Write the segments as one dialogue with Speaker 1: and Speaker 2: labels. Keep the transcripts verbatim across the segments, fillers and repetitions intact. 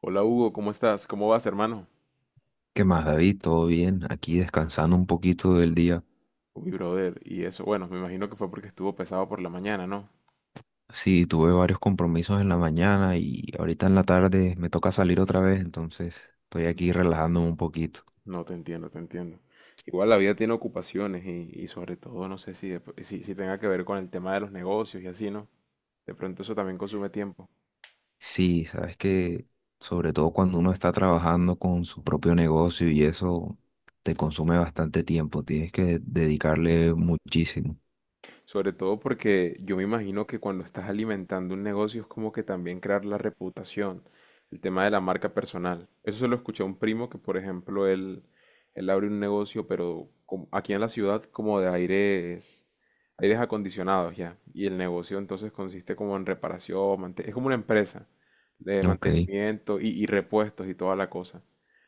Speaker 1: Hola Hugo, ¿cómo estás? ¿Cómo vas, hermano?
Speaker 2: ¿Qué más, David? ¿Todo bien? Aquí descansando un poquito del día.
Speaker 1: Uy, brother, y eso, bueno, me imagino que fue porque estuvo pesado por la mañana, ¿no?
Speaker 2: Sí, tuve varios compromisos en la mañana y ahorita en la tarde me toca salir otra vez, entonces estoy aquí relajándome un poquito.
Speaker 1: No, te entiendo, te entiendo. Igual la vida tiene ocupaciones y, y sobre todo no sé si, de pr- si, si tenga que ver con el tema de los negocios y así, ¿no? De pronto eso también consume tiempo.
Speaker 2: Sí, sabes que sobre todo cuando uno está trabajando con su propio negocio y eso te consume bastante tiempo, tienes que dedicarle muchísimo.
Speaker 1: Sobre todo porque yo me imagino que cuando estás alimentando un negocio es como que también crear la reputación, el tema de la marca personal. Eso se lo escuché a un primo que, por ejemplo, él, él abre un negocio, pero como- aquí en la ciudad como de aires, aires acondicionados ya. Y el negocio entonces consiste como en reparación, mante- es como una empresa de
Speaker 2: Ok,
Speaker 1: mantenimiento y, y repuestos y toda la cosa.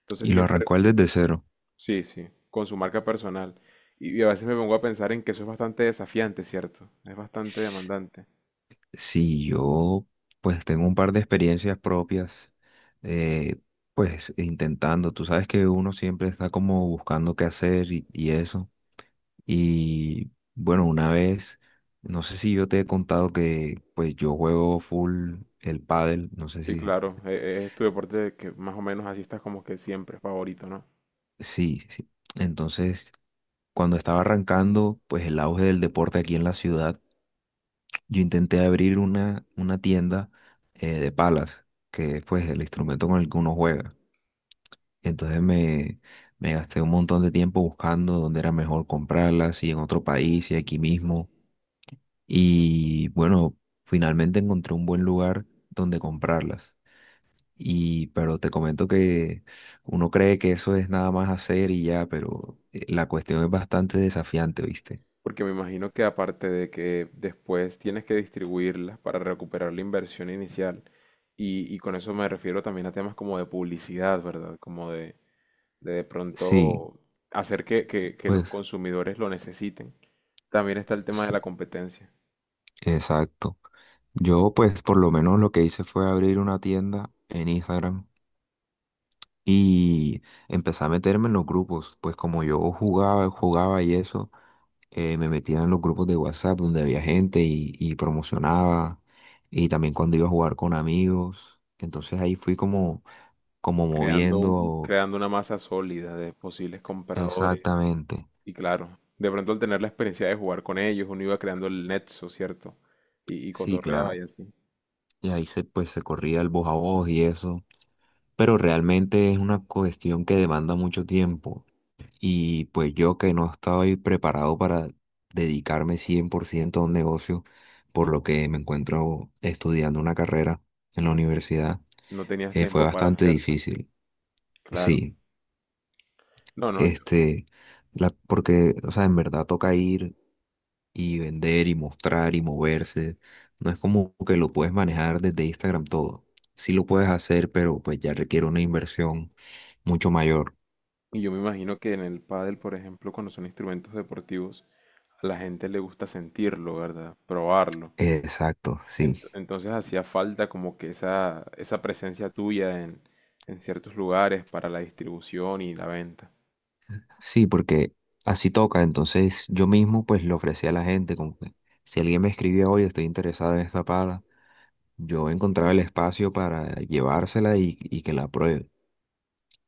Speaker 1: Entonces
Speaker 2: y lo
Speaker 1: siempre,
Speaker 2: arrancó él desde cero.
Speaker 1: sí, sí, con su marca personal. Y y a veces me pongo a pensar en que eso es bastante desafiante, ¿cierto? Es bastante demandante.
Speaker 2: Sí, yo pues tengo un par de experiencias propias, eh, pues intentando, tú sabes que uno siempre está como buscando qué hacer y, y eso. Y bueno, una vez, no sé si yo te he contado que pues yo juego full el pádel, no sé
Speaker 1: Sí,
Speaker 2: si,
Speaker 1: claro, e- e- es tu deporte de que más o menos así estás como que siempre favorito, ¿no?
Speaker 2: sí, sí. Entonces, cuando estaba arrancando pues el auge del deporte aquí en la ciudad, yo intenté abrir una, una tienda eh, de palas, que es pues el instrumento con el que uno juega. Entonces me, me gasté un montón de tiempo buscando dónde era mejor comprarlas, si en otro país, si aquí mismo. Y bueno, finalmente encontré un buen lugar donde comprarlas. Y pero te comento que uno cree que eso es nada más hacer y ya, pero eh, la cuestión es bastante desafiante, ¿viste?
Speaker 1: Porque me imagino que aparte de que después tienes que distribuirlas para recuperar la inversión inicial, y, y con eso me refiero también a temas como de publicidad, ¿verdad? Como de de, de
Speaker 2: Sí,
Speaker 1: pronto hacer que, que que los
Speaker 2: pues
Speaker 1: consumidores lo necesiten. También está el tema de la
Speaker 2: sí,
Speaker 1: competencia.
Speaker 2: exacto. Yo pues por lo menos lo que hice fue abrir una tienda en Instagram y empecé a meterme en los grupos, pues como yo jugaba, jugaba y eso, eh, me metía en los grupos de WhatsApp donde había gente y, y promocionaba, y también cuando iba a jugar con amigos, entonces ahí fui como, como
Speaker 1: Creando, un-
Speaker 2: moviendo
Speaker 1: creando una masa sólida de posibles compradores.
Speaker 2: exactamente,
Speaker 1: Y claro, de pronto al tener la experiencia de jugar con ellos, uno iba creando el nexo, ¿cierto? Y, y
Speaker 2: sí,
Speaker 1: cotorreaba y
Speaker 2: claro,
Speaker 1: así.
Speaker 2: y ahí se, pues se corría el voz a voz y eso, pero realmente es una cuestión que demanda mucho tiempo. Y pues yo que no estaba ahí preparado para dedicarme cien por ciento a un negocio, por lo que me encuentro estudiando una carrera en la universidad,
Speaker 1: No tenías
Speaker 2: eh, fue
Speaker 1: tiempo para
Speaker 2: bastante
Speaker 1: cierta.
Speaker 2: difícil.
Speaker 1: Claro.
Speaker 2: Sí,
Speaker 1: No, no, yo,
Speaker 2: este, la, porque, o sea, en verdad toca ir y vender y mostrar y moverse. No es como que lo puedes manejar desde Instagram todo. Sí lo puedes hacer, pero pues ya requiere una inversión mucho mayor.
Speaker 1: y yo me imagino que en el pádel, por ejemplo, cuando son instrumentos deportivos, a la gente le gusta sentirlo, ¿verdad? Probarlo.
Speaker 2: Exacto, sí.
Speaker 1: Ent- Entonces hacía falta como que esa, esa presencia tuya en, en ciertos lugares para la distribución y la venta.
Speaker 2: Sí, porque así toca. Entonces yo mismo pues le ofrecía a la gente como que si alguien me escribía, oye, estoy interesado en esta pala, yo encontraba el espacio para llevársela y, y que la pruebe.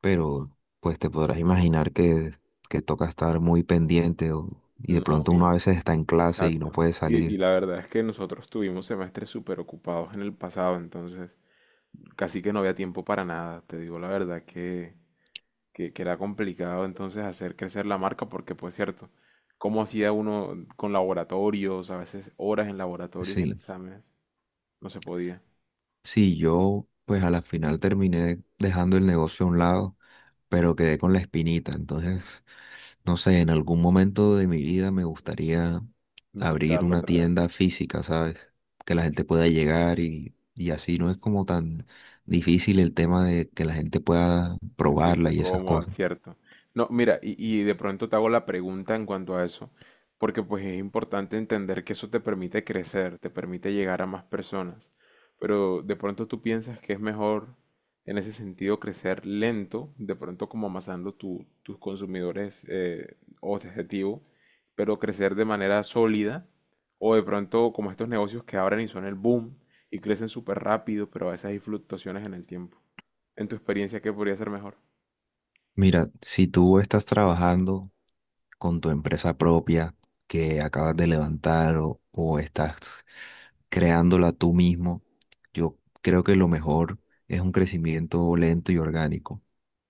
Speaker 2: Pero pues te podrás imaginar que, que toca estar muy pendiente o- y de
Speaker 1: No,
Speaker 2: pronto uno a
Speaker 1: y,
Speaker 2: veces está en clase y no
Speaker 1: exacto.
Speaker 2: puede
Speaker 1: Y, y
Speaker 2: salir.
Speaker 1: la verdad es que nosotros tuvimos semestres súper ocupados en el pasado, entonces casi que no había tiempo para nada. Te digo la verdad que, que, que era complicado entonces hacer crecer la marca porque, pues cierto, cómo hacía uno con laboratorios, a veces horas en laboratorios y en
Speaker 2: Sí,
Speaker 1: exámenes, no se podía
Speaker 2: sí, yo pues a la final terminé dejando el negocio a un lado pero quedé con la espinita. Entonces, no sé, en algún momento de mi vida me gustaría abrir
Speaker 1: intentarlo
Speaker 2: una
Speaker 1: otra vez.
Speaker 2: tienda física, ¿sabes? Que la gente pueda llegar y, y así no es como tan difícil el tema de que la gente pueda probarla
Speaker 1: Sentirse
Speaker 2: y esas
Speaker 1: cómoda,
Speaker 2: cosas.
Speaker 1: cierto. No, mira, y, y de pronto te hago la pregunta en cuanto a eso, porque pues es importante entender que eso te permite crecer, te permite llegar a más personas, pero de pronto tú piensas que es mejor en ese sentido crecer lento, de pronto como amasando tu- tus consumidores eh, objetivo, pero crecer de manera sólida, o de pronto como estos negocios que abren y son el boom y crecen súper rápido, pero a veces hay fluctuaciones en el tiempo. En tu experiencia, ¿qué podría ser mejor?
Speaker 2: Mira, si tú estás trabajando con tu empresa propia que acabas de levantar o, o estás creándola tú mismo, yo creo que lo mejor es un crecimiento lento y orgánico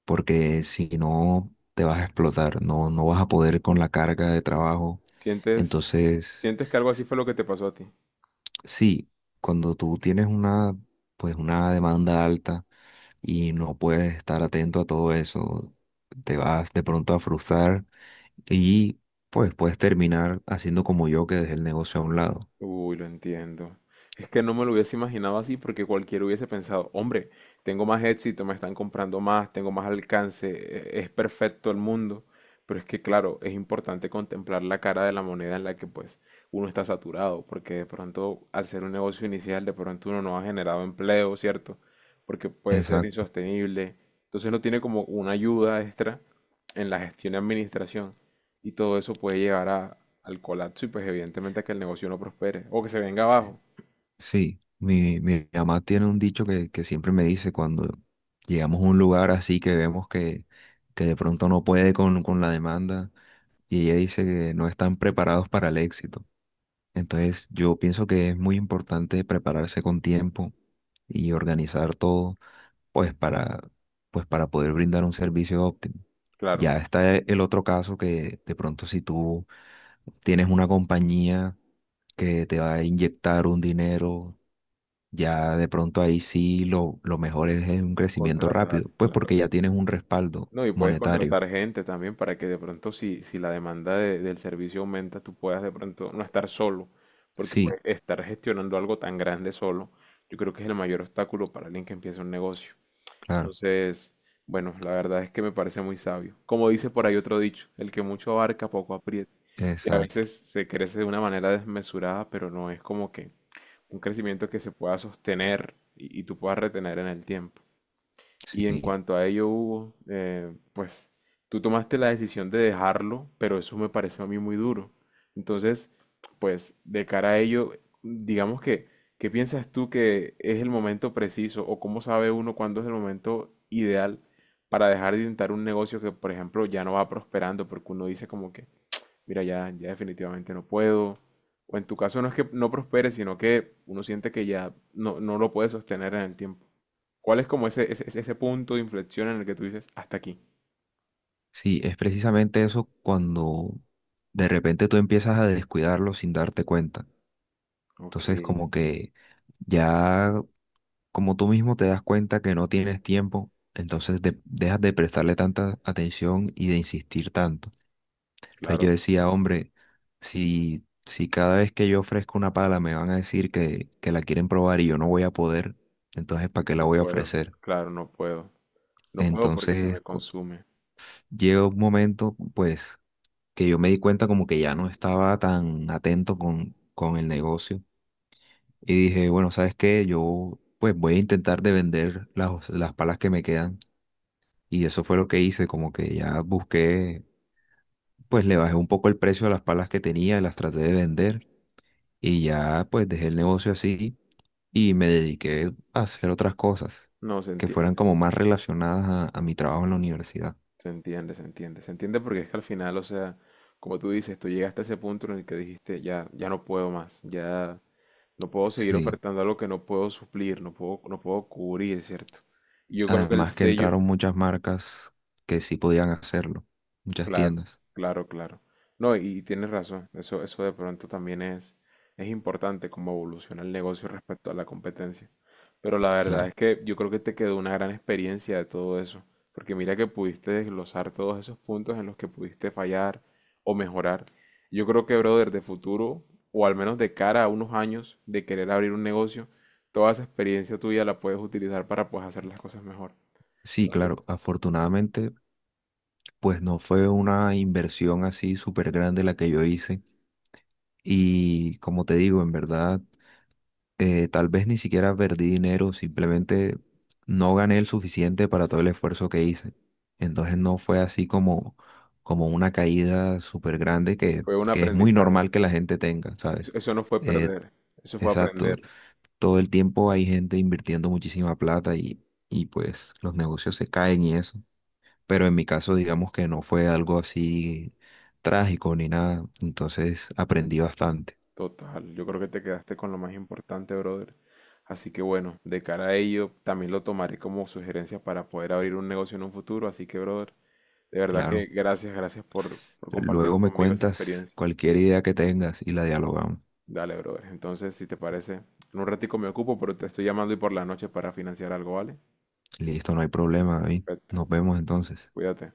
Speaker 2: porque si no te vas a explotar, no, no vas a poder con la carga de trabajo.
Speaker 1: ¿Sientes,
Speaker 2: Entonces,
Speaker 1: sientes que algo así
Speaker 2: s-
Speaker 1: fue lo que te pasó a ti?
Speaker 2: sí, cuando tú tienes una, pues una demanda alta y no puedes estar atento a todo eso, te vas de pronto a frustrar y pues puedes terminar haciendo como yo que dejé el negocio a un lado.
Speaker 1: Uy, lo entiendo. Es que no me lo hubiese imaginado así porque cualquiera hubiese pensado, hombre, tengo más éxito, me están comprando más, tengo más alcance, e- es perfecto el mundo. Pero es que, claro, es importante contemplar la cara de la moneda en la que pues uno está saturado, porque de pronto al ser un negocio inicial, de pronto uno no ha generado empleo, ¿cierto? Porque puede ser
Speaker 2: Exacto.
Speaker 1: insostenible. Entonces no tiene como una ayuda extra en la gestión y administración. Y todo eso puede llegar a, al colapso y pues evidentemente a que el negocio no prospere o que se venga
Speaker 2: Sí.
Speaker 1: abajo.
Speaker 2: Sí, mi, mi mamá tiene un dicho que, que siempre me dice cuando llegamos a un lugar así que vemos que, que de pronto no puede con, con la demanda y ella dice que no están preparados para el éxito. Entonces yo pienso que es muy importante prepararse con tiempo y organizar todo pues para, pues para poder brindar un servicio óptimo.
Speaker 1: Claro,
Speaker 2: Ya está e- el otro caso que de pronto si tú tienes una compañía que te va a inyectar un dinero ya de pronto ahí sí lo, lo mejor es, es un crecimiento
Speaker 1: contratar,
Speaker 2: rápido, pues
Speaker 1: claro.
Speaker 2: porque ya tienes un respaldo
Speaker 1: No, y puedes
Speaker 2: monetario.
Speaker 1: contratar gente también para que de pronto si, si la demanda de- del servicio aumenta, tú puedas de pronto no estar solo, porque
Speaker 2: Sí,
Speaker 1: pues estar gestionando algo tan grande solo, yo creo que es el mayor obstáculo para alguien que empieza un negocio.
Speaker 2: claro,
Speaker 1: Entonces, bueno, la verdad es que me parece muy sabio. Como dice por ahí otro dicho, el que mucho abarca, poco aprieta. Y a
Speaker 2: exacto,
Speaker 1: veces se crece de una manera desmesurada, pero no es como que un crecimiento que se pueda sostener y, y tú puedas retener en el tiempo. Y en
Speaker 2: sí.
Speaker 1: cuanto a ello, Hugo, eh, pues tú tomaste la decisión de dejarlo, pero eso me pareció a mí muy duro. Entonces, pues de cara a ello, digamos que, ¿qué piensas tú que es el momento preciso o cómo sabe uno cuándo es el momento ideal para dejar de intentar un negocio que, por ejemplo, ya no va prosperando? Porque uno dice como que, mira, ya, ya definitivamente no puedo. O en tu caso no es que no prospere, sino que uno siente que ya no, no lo puede sostener en el tiempo. ¿Cuál es como ese, ese, ese- ese punto de inflexión en el que tú dices, hasta aquí?
Speaker 2: Sí, es precisamente eso cuando de repente tú empiezas a descuidarlo sin darte cuenta.
Speaker 1: Ok,
Speaker 2: Entonces como que ya como tú mismo te das cuenta que no tienes tiempo, entonces de- dejas de prestarle tanta atención y de insistir tanto. Entonces yo
Speaker 1: claro,
Speaker 2: decía, hombre, si, si cada vez que yo ofrezco una pala me van a decir que, que la quieren probar y yo no voy a poder, entonces ¿para qué la
Speaker 1: no
Speaker 2: voy a
Speaker 1: puedo,
Speaker 2: ofrecer?
Speaker 1: claro, no puedo. No puedo porque se me
Speaker 2: Entonces cu-
Speaker 1: consume.
Speaker 2: llega un momento, pues, que yo me di cuenta como que ya no estaba tan atento con, con el negocio y dije, bueno, ¿sabes qué? Yo pues voy a intentar de vender las, las palas que me quedan y eso fue lo que hice, como que ya busqué, pues le bajé un poco el precio a las palas que tenía y las traté de vender. Y ya pues dejé el negocio así y me dediqué a hacer otras cosas
Speaker 1: No, se
Speaker 2: que fueran
Speaker 1: entiende,
Speaker 2: como más relacionadas a, a mi trabajo en la universidad.
Speaker 1: se entiende, se entiende. Se entiende porque es que al final, o sea, como tú dices, tú llegaste a ese punto en el que dijiste, ya, ya no puedo más, ya no puedo seguir
Speaker 2: Sí,
Speaker 1: ofertando algo que no puedo suplir, no puedo, no puedo cubrir, ¿cierto? Y yo creo que el
Speaker 2: además que
Speaker 1: sello,
Speaker 2: entraron muchas marcas que sí podían hacerlo, muchas
Speaker 1: claro,
Speaker 2: tiendas,
Speaker 1: claro, claro. No, y tienes razón, eso, eso de pronto también es, es importante como evoluciona el negocio respecto a la competencia. Pero la verdad
Speaker 2: claro.
Speaker 1: es que yo creo que te quedó una gran experiencia de todo eso, porque mira que pudiste desglosar todos esos puntos en los que pudiste fallar o mejorar. Yo creo que, brother, de futuro, o al menos de cara a unos años de querer abrir un negocio, toda esa experiencia tuya la puedes utilizar para pues hacer las cosas mejor.
Speaker 2: Sí,
Speaker 1: Entonces,
Speaker 2: claro, afortunadamente pues no fue una inversión así súper grande la que yo hice y como te digo, en verdad eh, tal vez ni siquiera perdí dinero, simplemente no gané el suficiente para todo el esfuerzo que hice. Entonces no fue así como, como una caída súper grande que,
Speaker 1: fue un
Speaker 2: que es muy
Speaker 1: aprendizaje.
Speaker 2: normal que la gente tenga,
Speaker 1: Eso,
Speaker 2: ¿sabes?
Speaker 1: eso no fue
Speaker 2: Eh,
Speaker 1: perder, eso fue
Speaker 2: exacto,
Speaker 1: aprender.
Speaker 2: todo el tiempo hay gente invirtiendo muchísima plata y, y pues los negocios se caen y eso. Pero en mi caso digamos que no fue algo así trágico ni nada, entonces aprendí bastante,
Speaker 1: Total, yo creo que te quedaste con lo más importante, brother. Así que bueno, de cara a ello, también lo tomaré como sugerencia para poder abrir un negocio en un futuro. Así que, brother, de verdad que
Speaker 2: claro.
Speaker 1: gracias, gracias por, por compartir
Speaker 2: Luego me
Speaker 1: conmigo esa
Speaker 2: cuentas
Speaker 1: experiencia.
Speaker 2: cualquier idea que tengas y la dialogamos.
Speaker 1: Dale, brother. Entonces, si te parece, en un ratico me ocupo, pero te estoy llamando y por la noche para financiar algo, ¿vale?
Speaker 2: Listo, no hay problema, David.
Speaker 1: Perfecto,
Speaker 2: Nos vemos entonces.
Speaker 1: cuídate.